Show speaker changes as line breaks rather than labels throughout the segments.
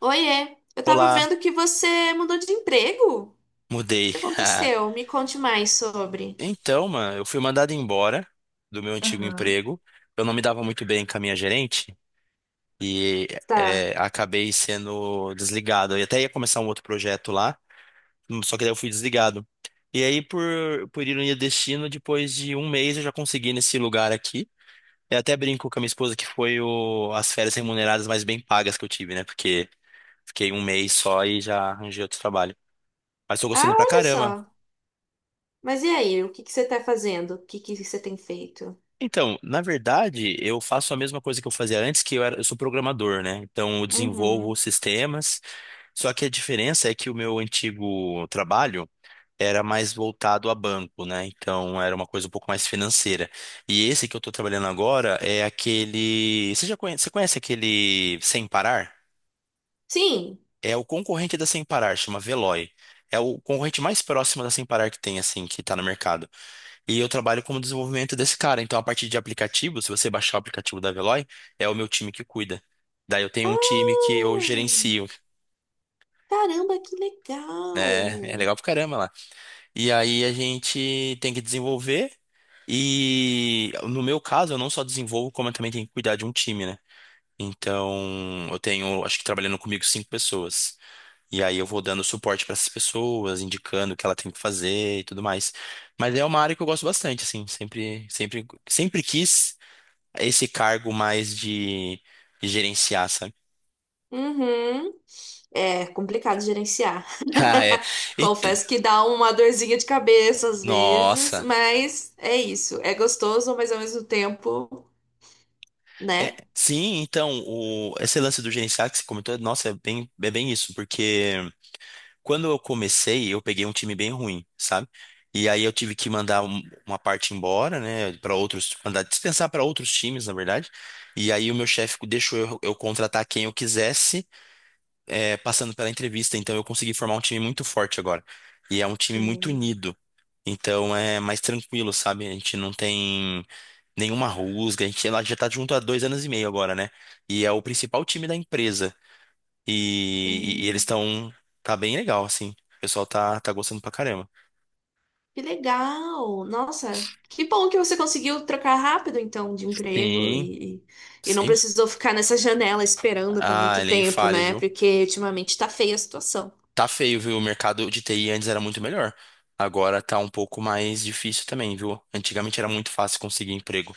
Oiê, eu tava
Olá,
vendo que você mudou de emprego. O
mudei.
que aconteceu? Me conte mais sobre.
Então, mano, eu fui mandado embora do meu antigo
Aham.
emprego. Eu não me dava muito bem com a minha gerente e
Tá.
acabei sendo desligado. Eu até ia começar um outro projeto lá, só que daí eu fui desligado. E aí, por ironia do destino, depois de um mês eu já consegui nesse lugar aqui. Eu até brinco com a minha esposa que foi as férias remuneradas mais bem pagas que eu tive, né? Porque fiquei um mês só e já arranjei outro trabalho. Mas tô
Ah,
gostando pra
olha
caramba.
só. Mas e aí, o que que você tá fazendo? O que que você tem feito?
Então, na verdade, eu faço a mesma coisa que eu fazia antes, eu sou programador, né? Então, eu desenvolvo
Uhum.
sistemas. Só que a diferença é que o meu antigo trabalho era mais voltado a banco, né? Então, era uma coisa um pouco mais financeira. E esse que eu estou trabalhando agora é aquele. Você conhece aquele Sem Parar?
Sim.
É o concorrente da Sem Parar, chama Veloy. É o concorrente mais próximo da Sem Parar que tem, assim, que está no mercado. E eu trabalho como desenvolvimento desse cara. Então, a partir de aplicativo, se você baixar o aplicativo da Veloy, é o meu time que cuida. Daí eu tenho
Ah,
um time que eu gerencio,
caramba, que
né? É
legal.
legal pra caramba lá. E aí a gente tem que desenvolver. E no meu caso, eu não só desenvolvo, como eu também tenho que cuidar de um time, né? Então, eu tenho, acho que trabalhando comigo, 5 pessoas. E aí eu vou dando suporte pra essas pessoas, indicando o que ela tem que fazer e tudo mais. Mas é uma área que eu gosto bastante, assim, sempre, sempre, sempre quis esse cargo mais de gerenciar, sabe?
Uhum. É complicado gerenciar.
Ah, é. Eita,
Confesso que dá uma dorzinha de cabeça às vezes,
nossa.
mas é isso. É gostoso, mas ao mesmo tempo,
É,
né?
sim, então, esse lance do gerenciar que você comentou, nossa, é bem isso, porque quando eu comecei, eu peguei um time bem ruim, sabe? E aí eu tive que mandar uma parte embora, né, para outros, mandar dispensar para outros times, na verdade. E aí o meu chefe deixou eu contratar quem eu quisesse, passando pela entrevista, então eu consegui formar um time muito forte agora. E é um time muito unido. Então é mais tranquilo, sabe? A gente não tem nenhuma rusga, a gente ela já tá junto há 2 anos e meio agora, né? E é o principal time da empresa. E eles
Hum,
estão. Tá bem legal, assim. O pessoal tá gostando pra caramba.
que legal! Nossa, que bom que você conseguiu trocar rápido, então, de emprego
Sim,
e não
sim.
precisou ficar nessa janela esperando por
Ah,
muito
ele é
tempo,
infalha,
né?
viu?
Porque ultimamente tá feia a situação.
Tá feio, viu? O mercado de TI antes era muito melhor. Agora tá um pouco mais difícil também, viu? Antigamente era muito fácil conseguir emprego.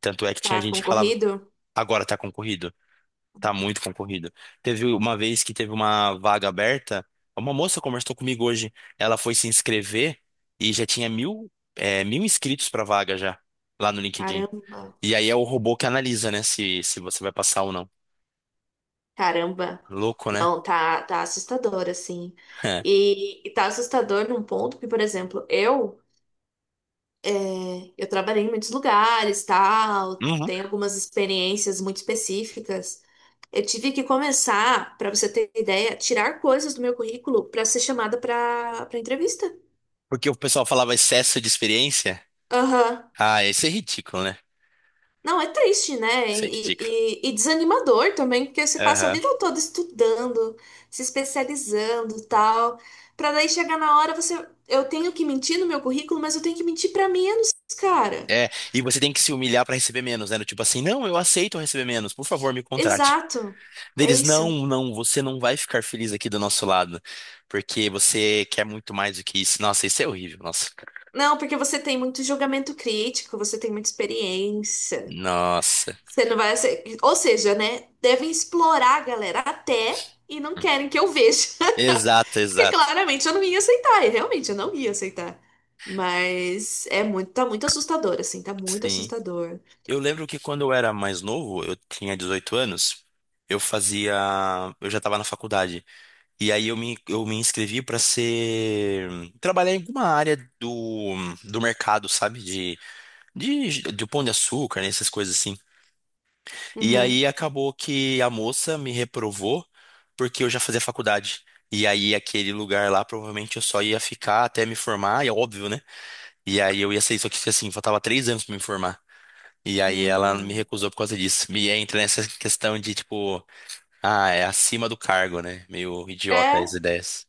Tanto é que tinha
Tá
gente que falava,
concorrido?
agora tá concorrido, tá muito concorrido. Teve uma vez que teve uma vaga aberta, uma moça conversou comigo hoje, ela foi se inscrever e já tinha mil inscritos pra vaga já, lá no LinkedIn.
Caramba,
E aí é o robô que analisa, né, se você vai passar ou não.
caramba.
Louco, né?
Não, tá assustador, assim.
É.
E tá assustador num ponto que, por exemplo, eu. É, eu trabalhei em muitos lugares, tal,
Uhum.
tenho algumas experiências muito específicas. Eu tive que começar, para você ter ideia, tirar coisas do meu currículo para ser chamada para entrevista.
Porque o pessoal falava excesso de experiência.
Aham.
Ah, isso é ridículo, né?
Não, é triste, né?
Isso é
E,
ridículo.
e desanimador também, porque você passa a
Aham.
vida toda estudando, se especializando, tal, para daí chegar na hora você, eu tenho que mentir no meu currículo, mas eu tenho que mentir para menos, cara.
É, e você tem que se humilhar pra receber menos, né? Do tipo assim, não, eu aceito receber menos, por favor, me contrate.
Exato. É
Deles, não,
isso.
não, você não vai ficar feliz aqui do nosso lado, porque você quer muito mais do que isso. Nossa, isso é horrível, nossa.
Não, porque você tem muito julgamento crítico, você tem muita experiência.
Nossa.
Você não vai ser... Ou seja, né? Devem explorar a galera até e não querem que eu veja.
Exato,
Porque
exato.
claramente eu não ia aceitar, e realmente eu não ia aceitar. Mas é muito, tá muito assustador, assim, tá muito
Sim.
assustador.
Eu lembro que quando eu era mais novo, eu tinha 18 anos, eu fazia, eu já estava na faculdade. E aí eu me inscrevi trabalhar em alguma área do mercado, sabe? De pão de açúcar, né? Essas coisas assim. E aí
Uhum.
acabou que a moça me reprovou porque eu já fazia faculdade. E aí aquele lugar lá provavelmente eu só ia ficar até me formar, e é óbvio, né? E aí eu ia ser isso aqui assim, faltava 3 anos pra me formar. E aí ela me
Hum.
recusou por causa disso. Me entra nessa questão de tipo, ah, é acima do cargo, né? Meio idiota as
É,
ideias.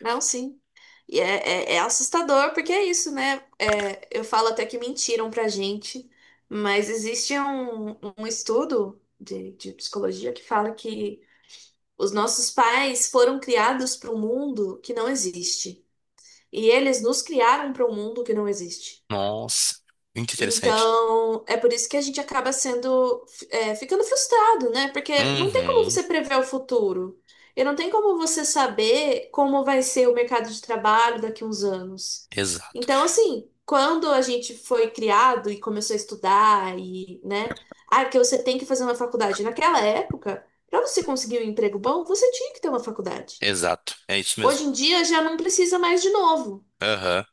não, sim. E é, é assustador, porque é isso, né? É, eu falo até que mentiram pra gente, mas existe um estudo de psicologia que fala que os nossos pais foram criados para um mundo que não existe. E eles nos criaram para um mundo que não existe.
Nossa, muito interessante.
Então, é por isso que a gente acaba sendo, é, ficando frustrado, né? Porque não tem como
Uhum,
você prever o futuro. E não tem como você saber como vai ser o mercado de trabalho daqui a uns anos.
exato,
Então, assim, quando a gente foi criado e começou a estudar e, né? Ah, que você tem que fazer uma faculdade. Naquela época, para você conseguir um emprego bom, você tinha que ter uma faculdade.
exato. É isso mesmo.
Hoje em dia já não precisa mais de novo.
Aham.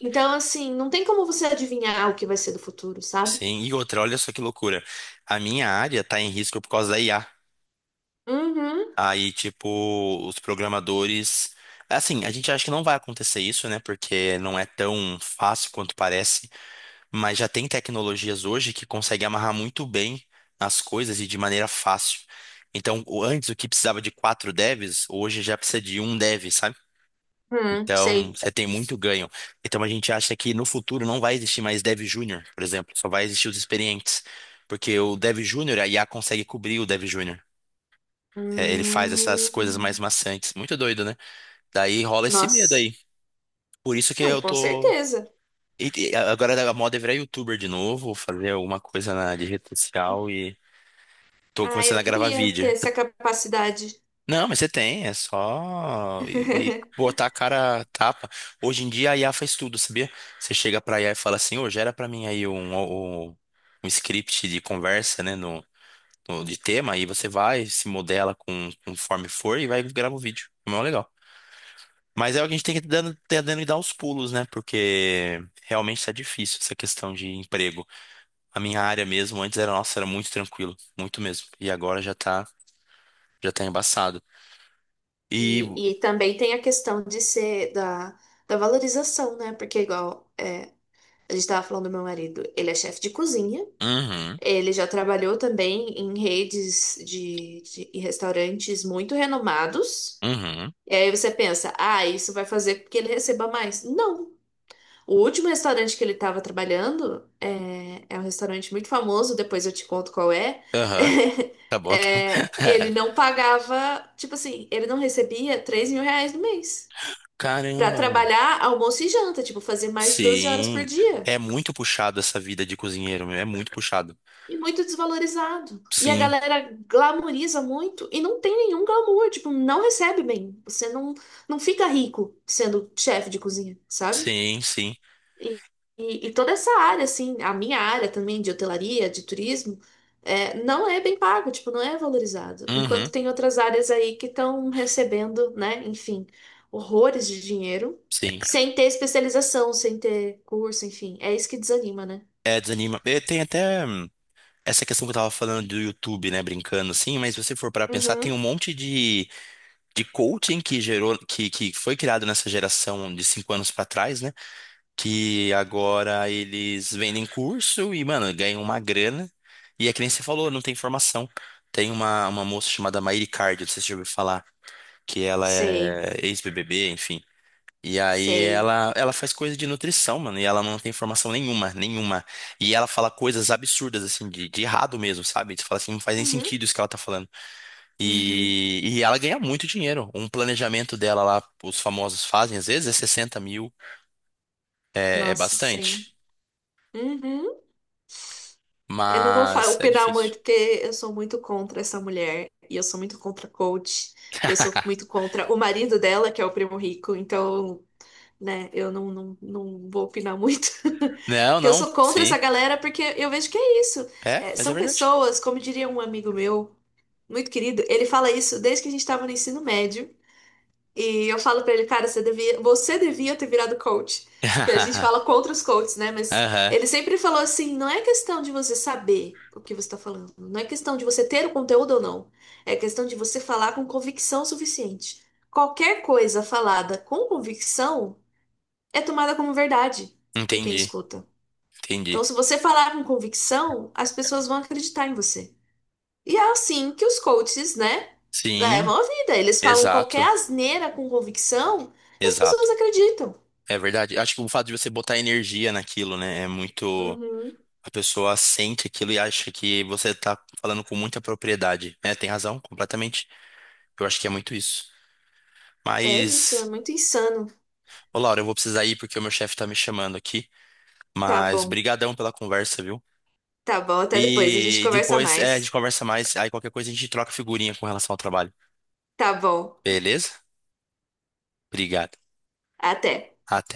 Então, assim, não tem como você adivinhar o que vai ser do futuro, sabe?
Sim, e outra, olha só que loucura. A minha área tá em risco por causa da IA.
Uhum,
Aí, tipo, os programadores. Assim, a gente acha que não vai acontecer isso, né? Porque não é tão fácil quanto parece. Mas já tem tecnologias hoje que conseguem amarrar muito bem as coisas e de maneira fácil. Então, antes o que precisava de 4 devs, hoje já precisa de um dev, sabe?
uhum,
Então,
sei.
você tem muito ganho. Então, a gente acha que no futuro não vai existir mais dev júnior, por exemplo. Só vai existir os experientes. Porque o dev júnior, a IA consegue cobrir o dev júnior. É, ele faz essas coisas mais
Hum,
maçantes. Muito doido, né? Daí rola esse medo
nossa,
aí. Por isso que
não,
eu
com
tô.
certeza.
E agora a moda é virar youtuber de novo, fazer alguma coisa na de rede social e tô
Ah,
começando
eu
a gravar
queria ter
vídeo.
essa capacidade.
Não, mas você tem, é só e botar a cara a tapa. Hoje em dia a IA faz tudo, sabia? Você chega pra IA e fala assim, ô, gera pra mim aí um script de conversa, né, de tema, aí você vai, se modela conforme for e vai gravar o vídeo. É mó legal. Mas é o que a gente tem que tentando dar os pulos, né? Porque realmente está difícil essa questão de emprego. A minha área mesmo, antes nossa, era muito tranquilo, muito mesmo. E agora já tá embaçado. E,
E, e também tem a questão de ser da, da valorização, né? Porque, igual é, a gente estava falando do meu marido, ele é chefe de cozinha,
uhum,
ele já trabalhou também em redes de em restaurantes muito renomados.
uhum,
E aí você pensa, ah, isso vai fazer com que ele receba mais. Não. O último restaurante que ele estava trabalhando é, é um restaurante muito famoso, depois eu te conto qual é.
aham, tá bom, tá bom.
É, ele não pagava, tipo assim, ele não recebia R$ 3.000 no mês
Caramba,
para
mano.
trabalhar almoço e janta, tipo, fazer mais de 12 horas
Sim,
por dia.
é muito puxado essa vida de cozinheiro, meu, é muito puxado.
E muito desvalorizado. E a
Sim,
galera glamoriza muito e não tem nenhum glamour, tipo, não recebe bem. Você não, não fica rico sendo chefe de cozinha, sabe?
sim, sim,
E, e toda essa área, assim, a minha área também de hotelaria, de turismo, é, não é bem pago, tipo, não é valorizado.
uhum,
Enquanto tem outras áreas aí que estão recebendo, né, enfim, horrores de dinheiro,
sim.
sem ter especialização, sem ter curso, enfim. É isso que desanima, né?
É, desanima. Tem até essa questão que eu tava falando do YouTube, né, brincando assim, mas se você for para pensar, tem um
Uhum.
monte de coaching que gerou, que foi criado nessa geração de 5 anos para trás, né, que agora eles vendem curso e, mano, ganham uma grana. E é que nem você falou, não tem formação. Tem uma moça chamada Maíra Cardio, não sei se você já ouviu falar, que ela
Sei,
é ex-BBB, enfim. E aí
sei.
ela faz coisa de nutrição, mano, e ela não tem formação nenhuma, nenhuma. E ela fala coisas absurdas, assim, de errado mesmo, sabe? Você fala assim, não faz nem
Uhum.
sentido isso que ela tá falando.
Uhum.
E ela ganha muito dinheiro. Um planejamento dela lá, os famosos fazem, às vezes é 60 mil, é
Nossa, sei.
bastante.
Uhum. Eu não vou
Mas é
opinar
difícil.
muito, porque eu sou muito contra essa mulher. E eu sou muito contra a coach. E eu sou muito contra o marido dela, que é o primo rico. Então, né, eu não vou opinar muito.
Não,
Porque eu
não,
sou contra essa
sim.
galera, porque eu vejo que é isso.
É,
É,
mas é
são
verdade.
pessoas, como diria um amigo meu, muito querido, ele fala isso desde que a gente estava no ensino médio. E eu falo pra ele, cara, você devia ter virado coach. Que a gente fala contra os coaches, né? Mas
Aham,
ele sempre falou assim: não é questão de você saber o que você tá falando, não é questão de você ter o conteúdo ou não, é questão de você falar com convicção suficiente. Qualquer coisa falada com convicção é tomada como verdade por quem
entendi,
escuta.
entendi.
Então, se você falar com convicção, as pessoas vão acreditar em você. E é assim que os coaches, né,
Sim,
levam a vida. Eles falam qualquer
exato,
asneira com convicção e as
exato.
pessoas acreditam.
É verdade. Acho que o fato de você botar energia naquilo, né, é muito.
Uhum.
A pessoa sente aquilo e acha que você tá falando com muita propriedade. É, tem razão, completamente. Eu acho que é muito isso.
É isso, é
Mas,
muito insano.
ô Laura, eu vou precisar ir porque o meu chefe tá me chamando aqui.
Tá
Mas,
bom,
brigadão pela conversa, viu?
tá bom. Até depois, a gente
E
conversa
depois, a gente
mais.
conversa mais. Aí qualquer coisa a gente troca figurinha com relação ao trabalho.
Tá bom,
Beleza? Obrigado.
até.
Até.